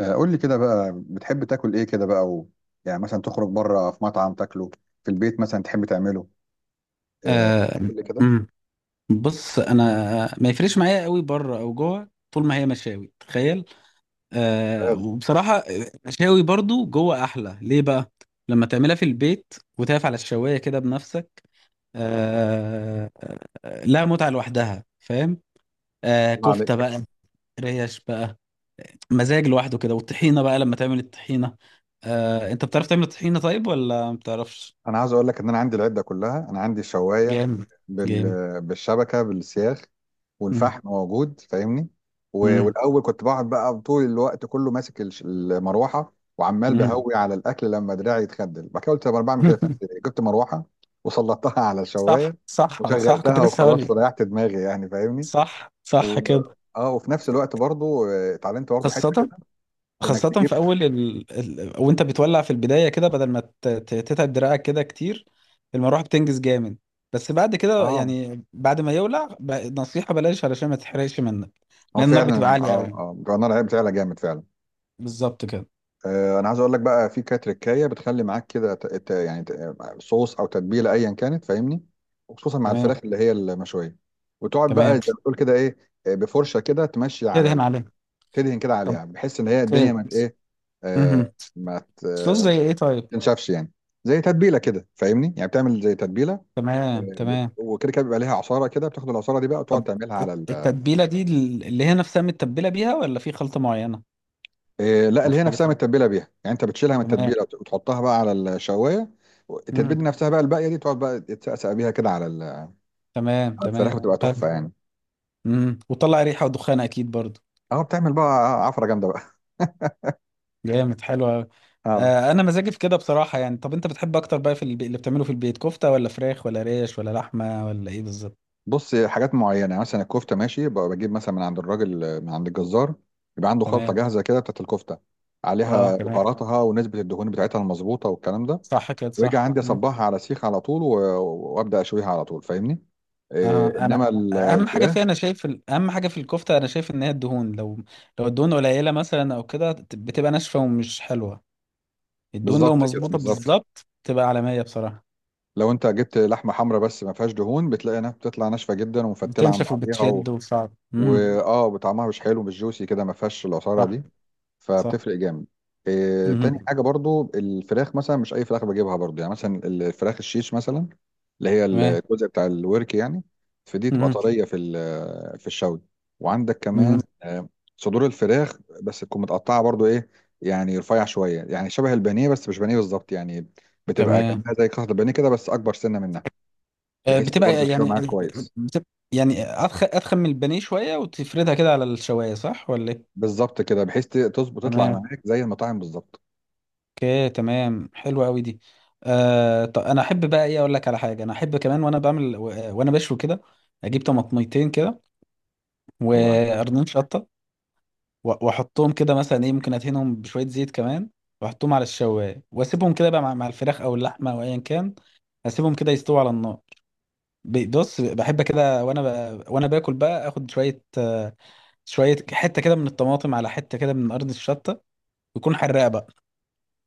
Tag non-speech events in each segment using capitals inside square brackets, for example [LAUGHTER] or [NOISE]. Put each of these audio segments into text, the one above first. قول لي كده بقى بتحب تاكل ايه كده بقى يعني مثلا تخرج بره في مطعم تاكله. في البيت مثلا تحب تعمله. آه، آه. قول لي كده. أمم. بص انا ما يفرقش معايا قوي بره او جوه، طول ما هي مشاوي تخيل. ممتاز. وبصراحه مشاوي برضو جوه احلى، ليه بقى؟ لما تعملها في البيت وتقف على الشوايه كده بنفسك. آه. لها متعه لوحدها فاهم. الله كفته عليك. بقى، ريش بقى، مزاج لوحده كده. والطحينه بقى لما تعمل الطحينه. انت بتعرف تعمل الطحينه طيب ولا ما بتعرفش؟ انا عايز اقول لك ان انا عندي العده كلها، انا عندي الشوايه جامد. بال... جامد. بالشبكه بالسياخ. أمم. والفحم موجود، فاهمني. و... أمم. والاول كنت بقعد بقى طول الوقت كله ماسك المروحه وعمال أمم. بهوي على الاكل، لما دراعي يتخدل بعد كده قلت طب انا بعمل كده في نفسي [LAUGHS] ليه؟ جبت مروحه وسلطتها [LAUGHS] على صح الشوايه صح صح، كنت وشغلتها لسه هقول وخلاص لك. وريحت دماغي، يعني فاهمني. صح و... صح كده. اه وفي نفس الوقت برضو اتعلمت برضو حته كده. خاصة انك خاصة تجيب. في أول وأنت بتولع في البداية كده، بدل ما تتعب دراعك كده كتير. المروحة بتنجز جامد. بس بعد كده اه يعني بعد ما يولع. نصيحة بلاش علشان ما تحرقش منك. هو لأن النار بتبقى فعلا عالية أوي. جرنال عيب فعلا جامد فعلا. بالظبط كده. انا عايز اقول لك بقى في كانت تركايه بتخلي معاك كده يعني صوص او تتبيله ايا كانت، فاهمني. وخصوصا مع تمام الفراخ اللي هي المشويه. وتقعد بقى تمام. زي ما بتقول كده ايه. بفرشه كده تمشي كده هنا عليه. تدهن كده طب. عليها بحيث ان هي الدنيا كده. ما ت- ايه آه مهم. ما ت- آه، صوص زي ما إيه طيب؟ تنشفش يعني. زي تتبيله كده فاهمني، يعني بتعمل زي تتبيله. تمام تمام. وكده كده بيبقى ليها عصاره كده، بتاخد العصاره دي بقى وتقعد طب تعملها على ال... آه، التتبيلة دي اللي هي نفسها متبلة بيها، ولا في خلطة معينة لا، اللي هي نفسها مختلفة؟ متبله بيها، يعني انت بتشيلها من تمام. التتبيله وتحطها بقى على الشوايه. التتبيله امم. دي نفسها بقى الباقيه دي تقعد بقى تتسقسق بيها كده على ال- آه، تمام على تمام الفراخ بتبقى حلو. تحفه يعني. وطلع ريحه ودخان اكيد برضو. اه بتعمل بقى عفره جامده بقى [LAUGHS] جامد حلو أوي. اه انا مزاجي في كده بصراحه يعني. طب انت بتحب اكتر بقى في اللي بتعمله في البيت؟ كفته ولا فراخ ولا ريش ولا لحمه ولا ايه بالظبط؟ بص، حاجات معينه يعني مثلا الكفته ماشي بقى، بجيب مثلا من عند الراجل، من عند الجزار. يبقى عنده خلطه تمام. جاهزه كده بتاعت الكفته، اه عليها تمام. بهاراتها ونسبه الدهون بتاعتها المظبوطه والكلام ده. صح كده واجي صح عندي مم. اصبعها على سيخ على طول وابدا اشويها على طول، فاهمني. اه إيه، انا انما الفراخ. اهم حاجه في الكفته انا شايف ان هي الدهون، لو الدهون قليله مثلا او كده بتبقى ناشفه ومش حلوه. الدهون لو بالظبط كده، مظبوطه بالظبط. بالظبط تبقى عالميه بصراحه. لو انت جبت لحمه حمراء بس ما فيهاش دهون، بتلاقي انها بتطلع ناشفه جدا ومفتله عن بتنشف بعضها وبتشد وصعب. طعمها مش حلو، مش جوسي كده، ما فيهاش العصاره دي. صح. فبتفرق جامد. إيه، تاني مهم. حاجة برضو، الفراخ مثلا مش أي فراخ بجيبها برضو، يعني مثلا الفراخ الشيش مثلا. اللي هي تمام. الجزء بتاع الورك يعني. فدي تبقى مهم. طرية في الشوي. وعندك مهم. كمان صدور الفراخ بس تكون متقطعة برضو، إيه. يعني رفيع شوية، يعني شبه البانيه بس مش بانيه بالظبط يعني. بتبقى تمام. كأنها زي قطعة البانيه كده بس أكبر سنة منها. آه، بحيث برضو بتبقى تستوي يعني معاك كويس. بتبقى يعني أضخم أضخم من البانيه شوية، وتفردها كده على الشواية، صح ولا إيه؟ بالظبط كده، بحيث تظبط تطلع تمام. معاك زي المطاعم بالظبط. اوكي تمام حلوة أوي دي. طب أنا أحب بقى إيه، أقول لك على حاجة أنا أحب كمان وأنا بعمل وأنا بشوي كده. أجيب طماطميتين كده الله يعينك. وقرنين شطة وأحطهم كده مثلا، إيه ممكن أدهنهم بشوية زيت كمان، وأحطهم على الشواية وأسيبهم كده بقى مع الفراخ أو اللحمة أو أيا كان. أسيبهم كده يستووا على النار. بص بحب كده، وانا باكل بقى اخد شويه، شويه حته كده من الطماطم، على حته كده من ارض الشطه يكون حراق بقى.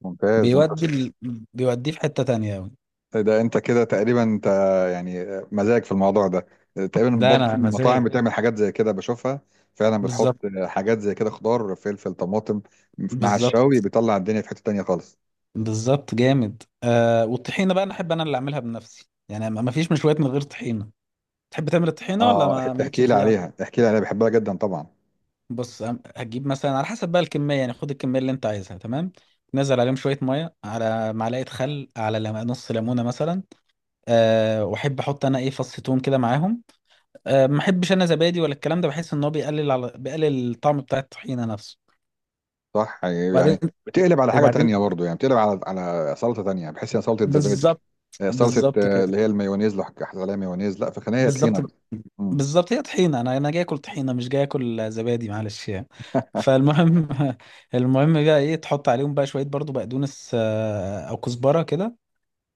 ممتاز انت. بيودي ال... بيوديه في حته تانية أوي. ده انت كده تقريبا انت، يعني مزاج في الموضوع ده. تقريبا ده برضو في انا مطاعم مزاج. بتعمل حاجات زي كده بشوفها. فعلا بتحط بالظبط. حاجات زي كده، خضار فلفل طماطم. مع بالظبط. الشاوي بيطلع الدنيا في حتة تانية خالص. بالظبط جامد. والطحينه بقى انا احب انا اللي اعملها بنفسي يعني، ما فيش مشويات من غير طحينه. تحب تعمل الطحينه ولا اه ما مالكش احكي لي فيها؟ عليها، احكي لي عليها، بحبها جدا طبعا. بص هتجيب مثلا على حسب بقى الكميه، يعني خد الكميه اللي انت عايزها تمام، تنزل عليهم شويه ميه، على معلقه خل، على نص ليمونه مثلا. أه واحب احط انا ايه فص توم كده معاهم. أه ما احبش انا زبادي ولا الكلام ده، بحس ان هو بيقلل الطعم بتاع الطحينه نفسه. صح، يعني وبعدين. بتقلب على حاجة وبعدين. تانية برضو، يعني بتقلب على سلطة تانية، بحس ان سلطة زبادي. بالظبط. سلطة بالظبط كده. اللي هي المايونيز، لو حطيت عليها مايونيز لا، في خليها بالظبط. طحينة بس. مم، بالظبط هي طحينه، انا جاي اكل طحينه مش جاي اكل زبادي معلش يعني. فالمهم. [LAUGHS] المهم بقى ايه، تحط عليهم بقى شويه برضو بقدونس، او كزبره كده،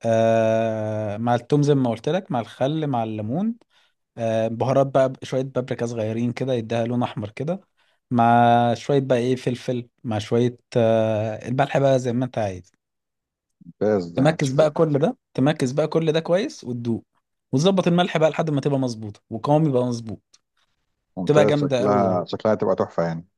مع التوم زي ما قلت لك، مع الخل، مع الليمون، بهارات بقى شوية بابريكا صغيرين كده يديها لون أحمر كده، مع شوية بقى إيه فلفل، مع شوية الملح بقى زي ما أنت عايز. ممتاز يعني تمركز بقى كل ده كويس وتدوق، وتظبط الملح بقى لحد ما تبقى مظبوطة وقوام يبقى مظبوط. تبقى ممتاز، جامدة قوي يعني. شكلها تبقى تحفة يعني.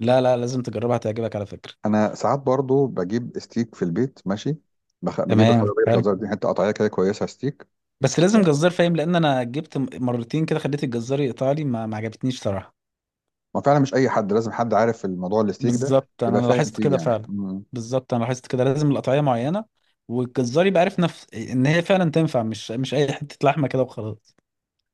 لا لا، لازم تجربها هتعجبك على فكرة. انا ساعات برضو بجيب ستيك في البيت، ماشي. بجيب تمام الخضروات، حلو. الجزار دي حته قطعيه كده كويسه، ستيك. بس لازم جزار فاهم، لأن أنا جبت مرتين كده خليت الجزار يقطع لي ما عجبتنيش صراحة. ما فعلا مش اي حد، لازم حد عارف الموضوع الستيك ده. بالظبط انا يبقى فاهم لاحظت فيه كده يعني. فعلا. مم. بالظبط انا لاحظت كده، لازم القطعيه معينه، والجزار يبقى عارف نفس ان هي فعلا تنفع، مش اي حته لحمه كده وخلاص.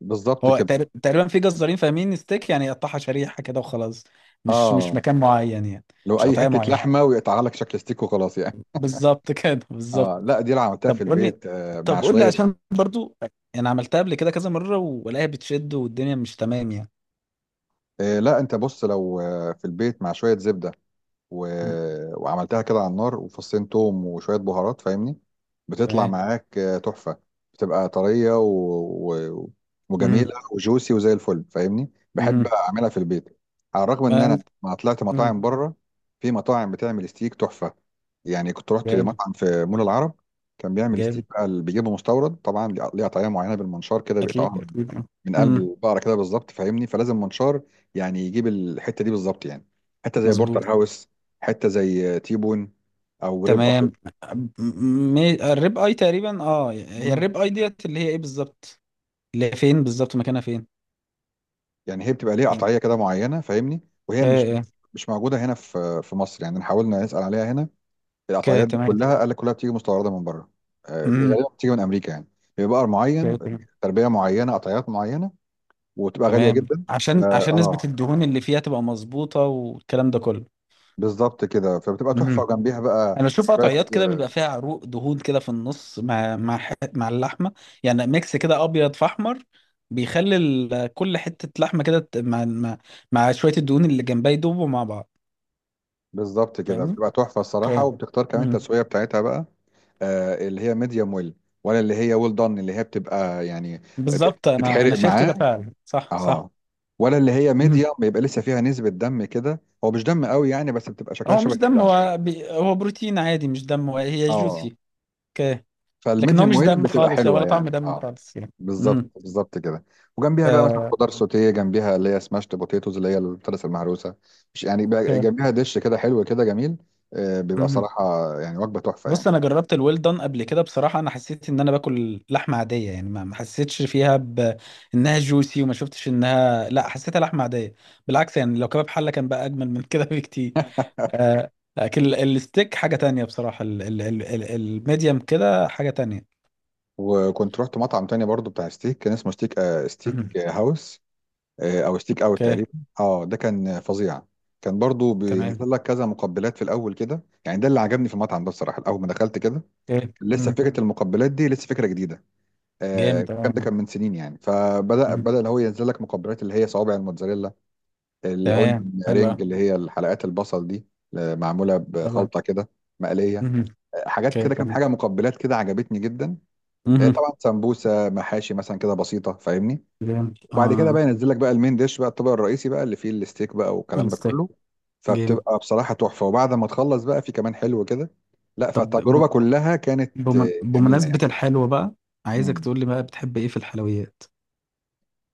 بالظبط هو كده. تقريبا في جزارين فاهمين ستيك يعني، يقطعها شريحه كده وخلاص. مش اه مكان معين يعني، لو مش اي قطعيه حته معينه. لحمه ويقطع لك شكل ستيك وخلاص يعني. بالظبط [LAUGHS] كده بالظبط. اه لا، دي اللي عملتها في طب قول لي البيت مع طب قول لي شويه. عشان برضو، انا عملتها قبل كده كذا مره والاقيها بتشد والدنيا مش تمام يعني. لا انت بص لو في البيت مع شويه زبده و... مم. وعملتها كده على النار، وفصين توم وشوية بهارات، فاهمني. بتطلع تمام. معاك تحفة. بتبقى طرية و... وجميلة امم. وجوسي وزي الفل، فاهمني، بحب أعملها في البيت. على الرغم إن امم. أنا ما طلعت مطاعم بره. في مطاعم بتعمل ستيك تحفة يعني، كنت رحت جامد مطعم في مول العرب. كان بيعمل ستيك جامد. بقى، اللي بيجيبه مستورد طبعا ليه، طريقة معينة بالمنشار كده بيقطعوها اكيد اكيد. من قلب مم. البقرة كده بالظبط فاهمني، فلازم منشار. يعني يجيب الحتة دي بالظبط يعني. حتة زي مظبوط. بورتر هاوس. حته زي تيبون. او ريب اي. تمام. الريب اي تقريبا. اه هي مم. الريب اي ديت اللي هي ايه بالظبط؟ اللي هي فين بالظبط، مكانها فين؟ يعني هي بتبقى ليها يعني. قطعيه كده معينه، فاهمني. وهي ك مش موجوده هنا في مصر، يعني حاولنا نسال عليها هنا. ك القطعيات دي تمام. كلها قال لك كلها بتيجي مستورده من بره. امم. غالبا بتيجي من امريكا يعني. بيبقى بقر معين. تمام. تربيه معينه، قطعيات معينه. وتبقى غاليه تمام، جدا عشان نسبة اه الدهون اللي فيها تبقى مظبوطة والكلام ده كله. بالظبط كده فبتبقى تحفه، امم. وجنبيها بقى انا بشوف شويه. قطعيات كده بيبقى فيها عروق دهون كده في النص، مع مع اللحمة يعني، ميكس كده ابيض في احمر، بيخلي كل حتة لحمة كده مع شوية الدهون اللي جنبها، يدوبوا مع بعض، بالظبط كده فاهمني؟ بتبقى تحفه الصراحه، اوكي. وبتختار كمان التسويه بتاعتها بقى. اللي هي ميديوم ويل. ولا اللي هي ويل دون، اللي هي بتبقى يعني بالظبط انا تتحرق شايف معاه. كده فعلا صح صح. اه ولا اللي هي مهم. ميديوم بيبقى لسه فيها نسبة دم كده، هو مش دم قوي يعني بس بتبقى شكلها هو شبه مش دم، الدم. هو بروتين عادي مش دم، هو هي اه جوسي. اوكي. لكن هو فالميديوم مش ويل دم بتبقى خالص يعني حلوة ولا طعم يعني دم خالص يعني. بالظبط مهم. بالظبط كده. وجنبيها بقى مثلا آه، خضار سوتيه، جنبيها اللي هي سماشت بوتيتوز، اللي هي الفلس المهروسه. مش يعني بقى، اوكي. جنبيها دش كده حلو كده جميل. بيبقى مهم. صراحه يعني وجبه تحفه يعني. بص انا جربت الويل دون قبل كده بصراحه، انا حسيت ان انا باكل لحمه عاديه يعني، ما حسيتش فيها بانها جوسي، وما شفتش انها، لا حسيتها لحمه عاديه. بالعكس يعني، لو كباب حله كان بقى اجمل من كده [LAUGHS] بكتير. آه، لكن الستيك حاجه تانية بصراحه، الميديم كده حاجه تانية. وكنت رحت مطعم تاني برضو بتاع ستيك، كان اسمه ستيك ستيك هاوس. او ستيك اوت اوكي. تقريبا. اه ده كان فظيع. كان برضو تمام. بينزل لك كذا مقبلات في الاول كده، يعني ده اللي عجبني في المطعم ده بصراحه اول ما دخلت كده. ايه كان لسه مم. فكره المقبلات دي لسه فكره جديده. جامد الكلام ده اه. كان من سنين يعني، فبدا مم. اللي هو ينزل لك مقبلات اللي هي صوابع الموتزاريلا. تمام. الاونيون رينج حلوة. اللي هي الحلقات البصل دي. معموله حلوة. بخلطه كده. مقليه. مم. حاجات اوكي كده كام تمام. حاجه مقبلات كده عجبتني جدا. مم. طبعا سمبوسه محاشي مثلا كده بسيطه، فاهمني. جامد وبعد كده اه. بقى ينزل لك بقى المين ديش بقى الطبق الرئيسي بقى اللي فيه الستيك بقى والكلام ده الستيك. كله. جامد. فبتبقى بصراحة تحفة، وبعد ما تخلص بقى في كمان حلو كده. لا، طب فالتجربة كلها كانت جميلة بمناسبة يعني. الحلوة بقى، عايزك مم. تقول لي بقى بتحب ايه في الحلويات؟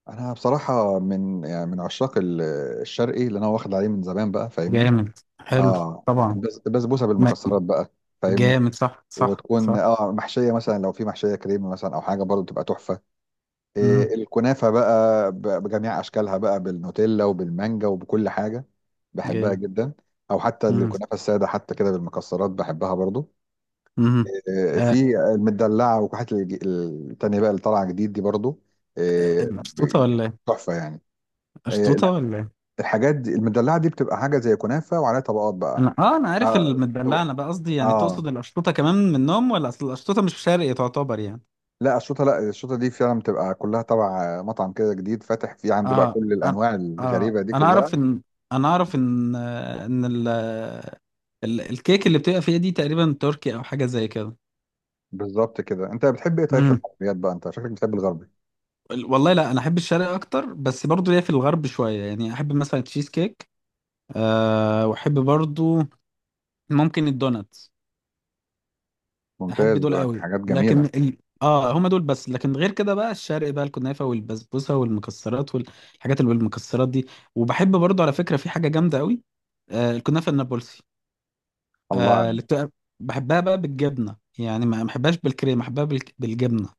انا بصراحة، من يعني من عشاق الشرقي، اللي انا واخد عليه من زمان بقى فاهمني. جامد حلو. اه طبعا. البسبوسة ما-. بالمكسرات بقى. فاهمني. جامد صح صح وتكون صح. محشية مثلا، لو في محشية كريمة مثلا او حاجة برضه بتبقى تحفة. مم. إيه، الكنافة بقى بجميع أشكالها بقى، بالنوتيلا وبالمانجا وبكل حاجة. بحبها جامد. جدا. أو حتى مم. الكنافة السادة حتى كده بالمكسرات بحبها برضو. مم. إيه، آه، في المدلعة وكحة التانية بقى اللي طالعة جديد دي برضو. إيه، مشطوطة ولا ايه؟ تحفة يعني. إيه، مشطوطة لا، ولا ايه؟ الحاجات دي المدلعة دي بتبقى حاجة زي كنافة وعليها طبقات بقى. انا عارف آه المدلعه، انا بقى قصدي يعني آه. تقصد القشطوطه كمان منهم؟ ولا اصل القشطوطه مش شرقي تعتبر يعني. لا الشوطة، لا الشوطة دي فعلا بتبقى كلها تبع مطعم كده جديد فاتح فيه عنده بقى، اه كل انا الأنواع اه الغريبة دي انا كلها. اعرف ان ان الكيك اللي بتبقى فيها دي تقريبا تركي او حاجه زي كده. بالظبط كده، انت بتحب ايه طيب في امم. الحلويات بقى؟ انت شكلك بتحب الغربي. والله لا، انا احب الشرق اكتر، بس برضو ليا في الغرب شويه يعني، احب مثلا تشيز كيك. أه واحب برضو ممكن الدونات. احب ممتاز دول بقى، قوي. حاجات لكن جميله. ال... اه هما دول بس، لكن غير كده بقى الشرق بقى، الكنافه والبسبوسه والمكسرات والحاجات اللي بالمكسرات دي. وبحب برضو على فكره في حاجه جامده قوي، الكنافه النابلسي، الله آه اللي عليك. بتبقى- بحبها بقى بالجبنه يعني، ما بحبهاش بالكريمه، بحبها بالجبنه.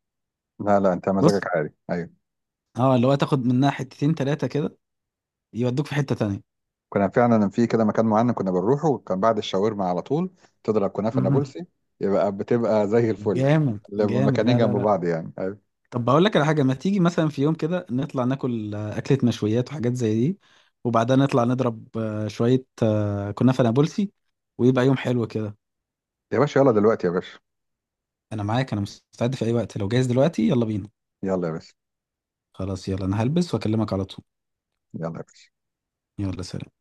لا لا، انت بص مزاجك عالي، ايوه. اه اللي هو تاخد منها حتتين تلاتة كده، يودوك في حته تانية. كنا فعلا في كده مكان معين كنا بنروحه كان بعد الشاورما على طول. تضرب كنافه مهم. نابلسي. يبقى بتبقى زي الفل. جامد جامد المكانين لا لا جنب لا. بعض يعني، ايوه. طب بقول لك على حاجة، ما تيجي مثلا في يوم كده نطلع ناكل أكلة مشويات وحاجات زي دي، وبعدها نطلع نضرب شوية كنافة نابلسي، ويبقى يوم حلو كده. يا باشا يلا دلوقتي يا باشا. أنا معاك، أنا مستعد في أي وقت، لو جاهز دلوقتي يلا بينا. يلا يا باشا. خلاص يلا، أنا هلبس وأكلمك على طول. يلا يا باشا. يلا سلام.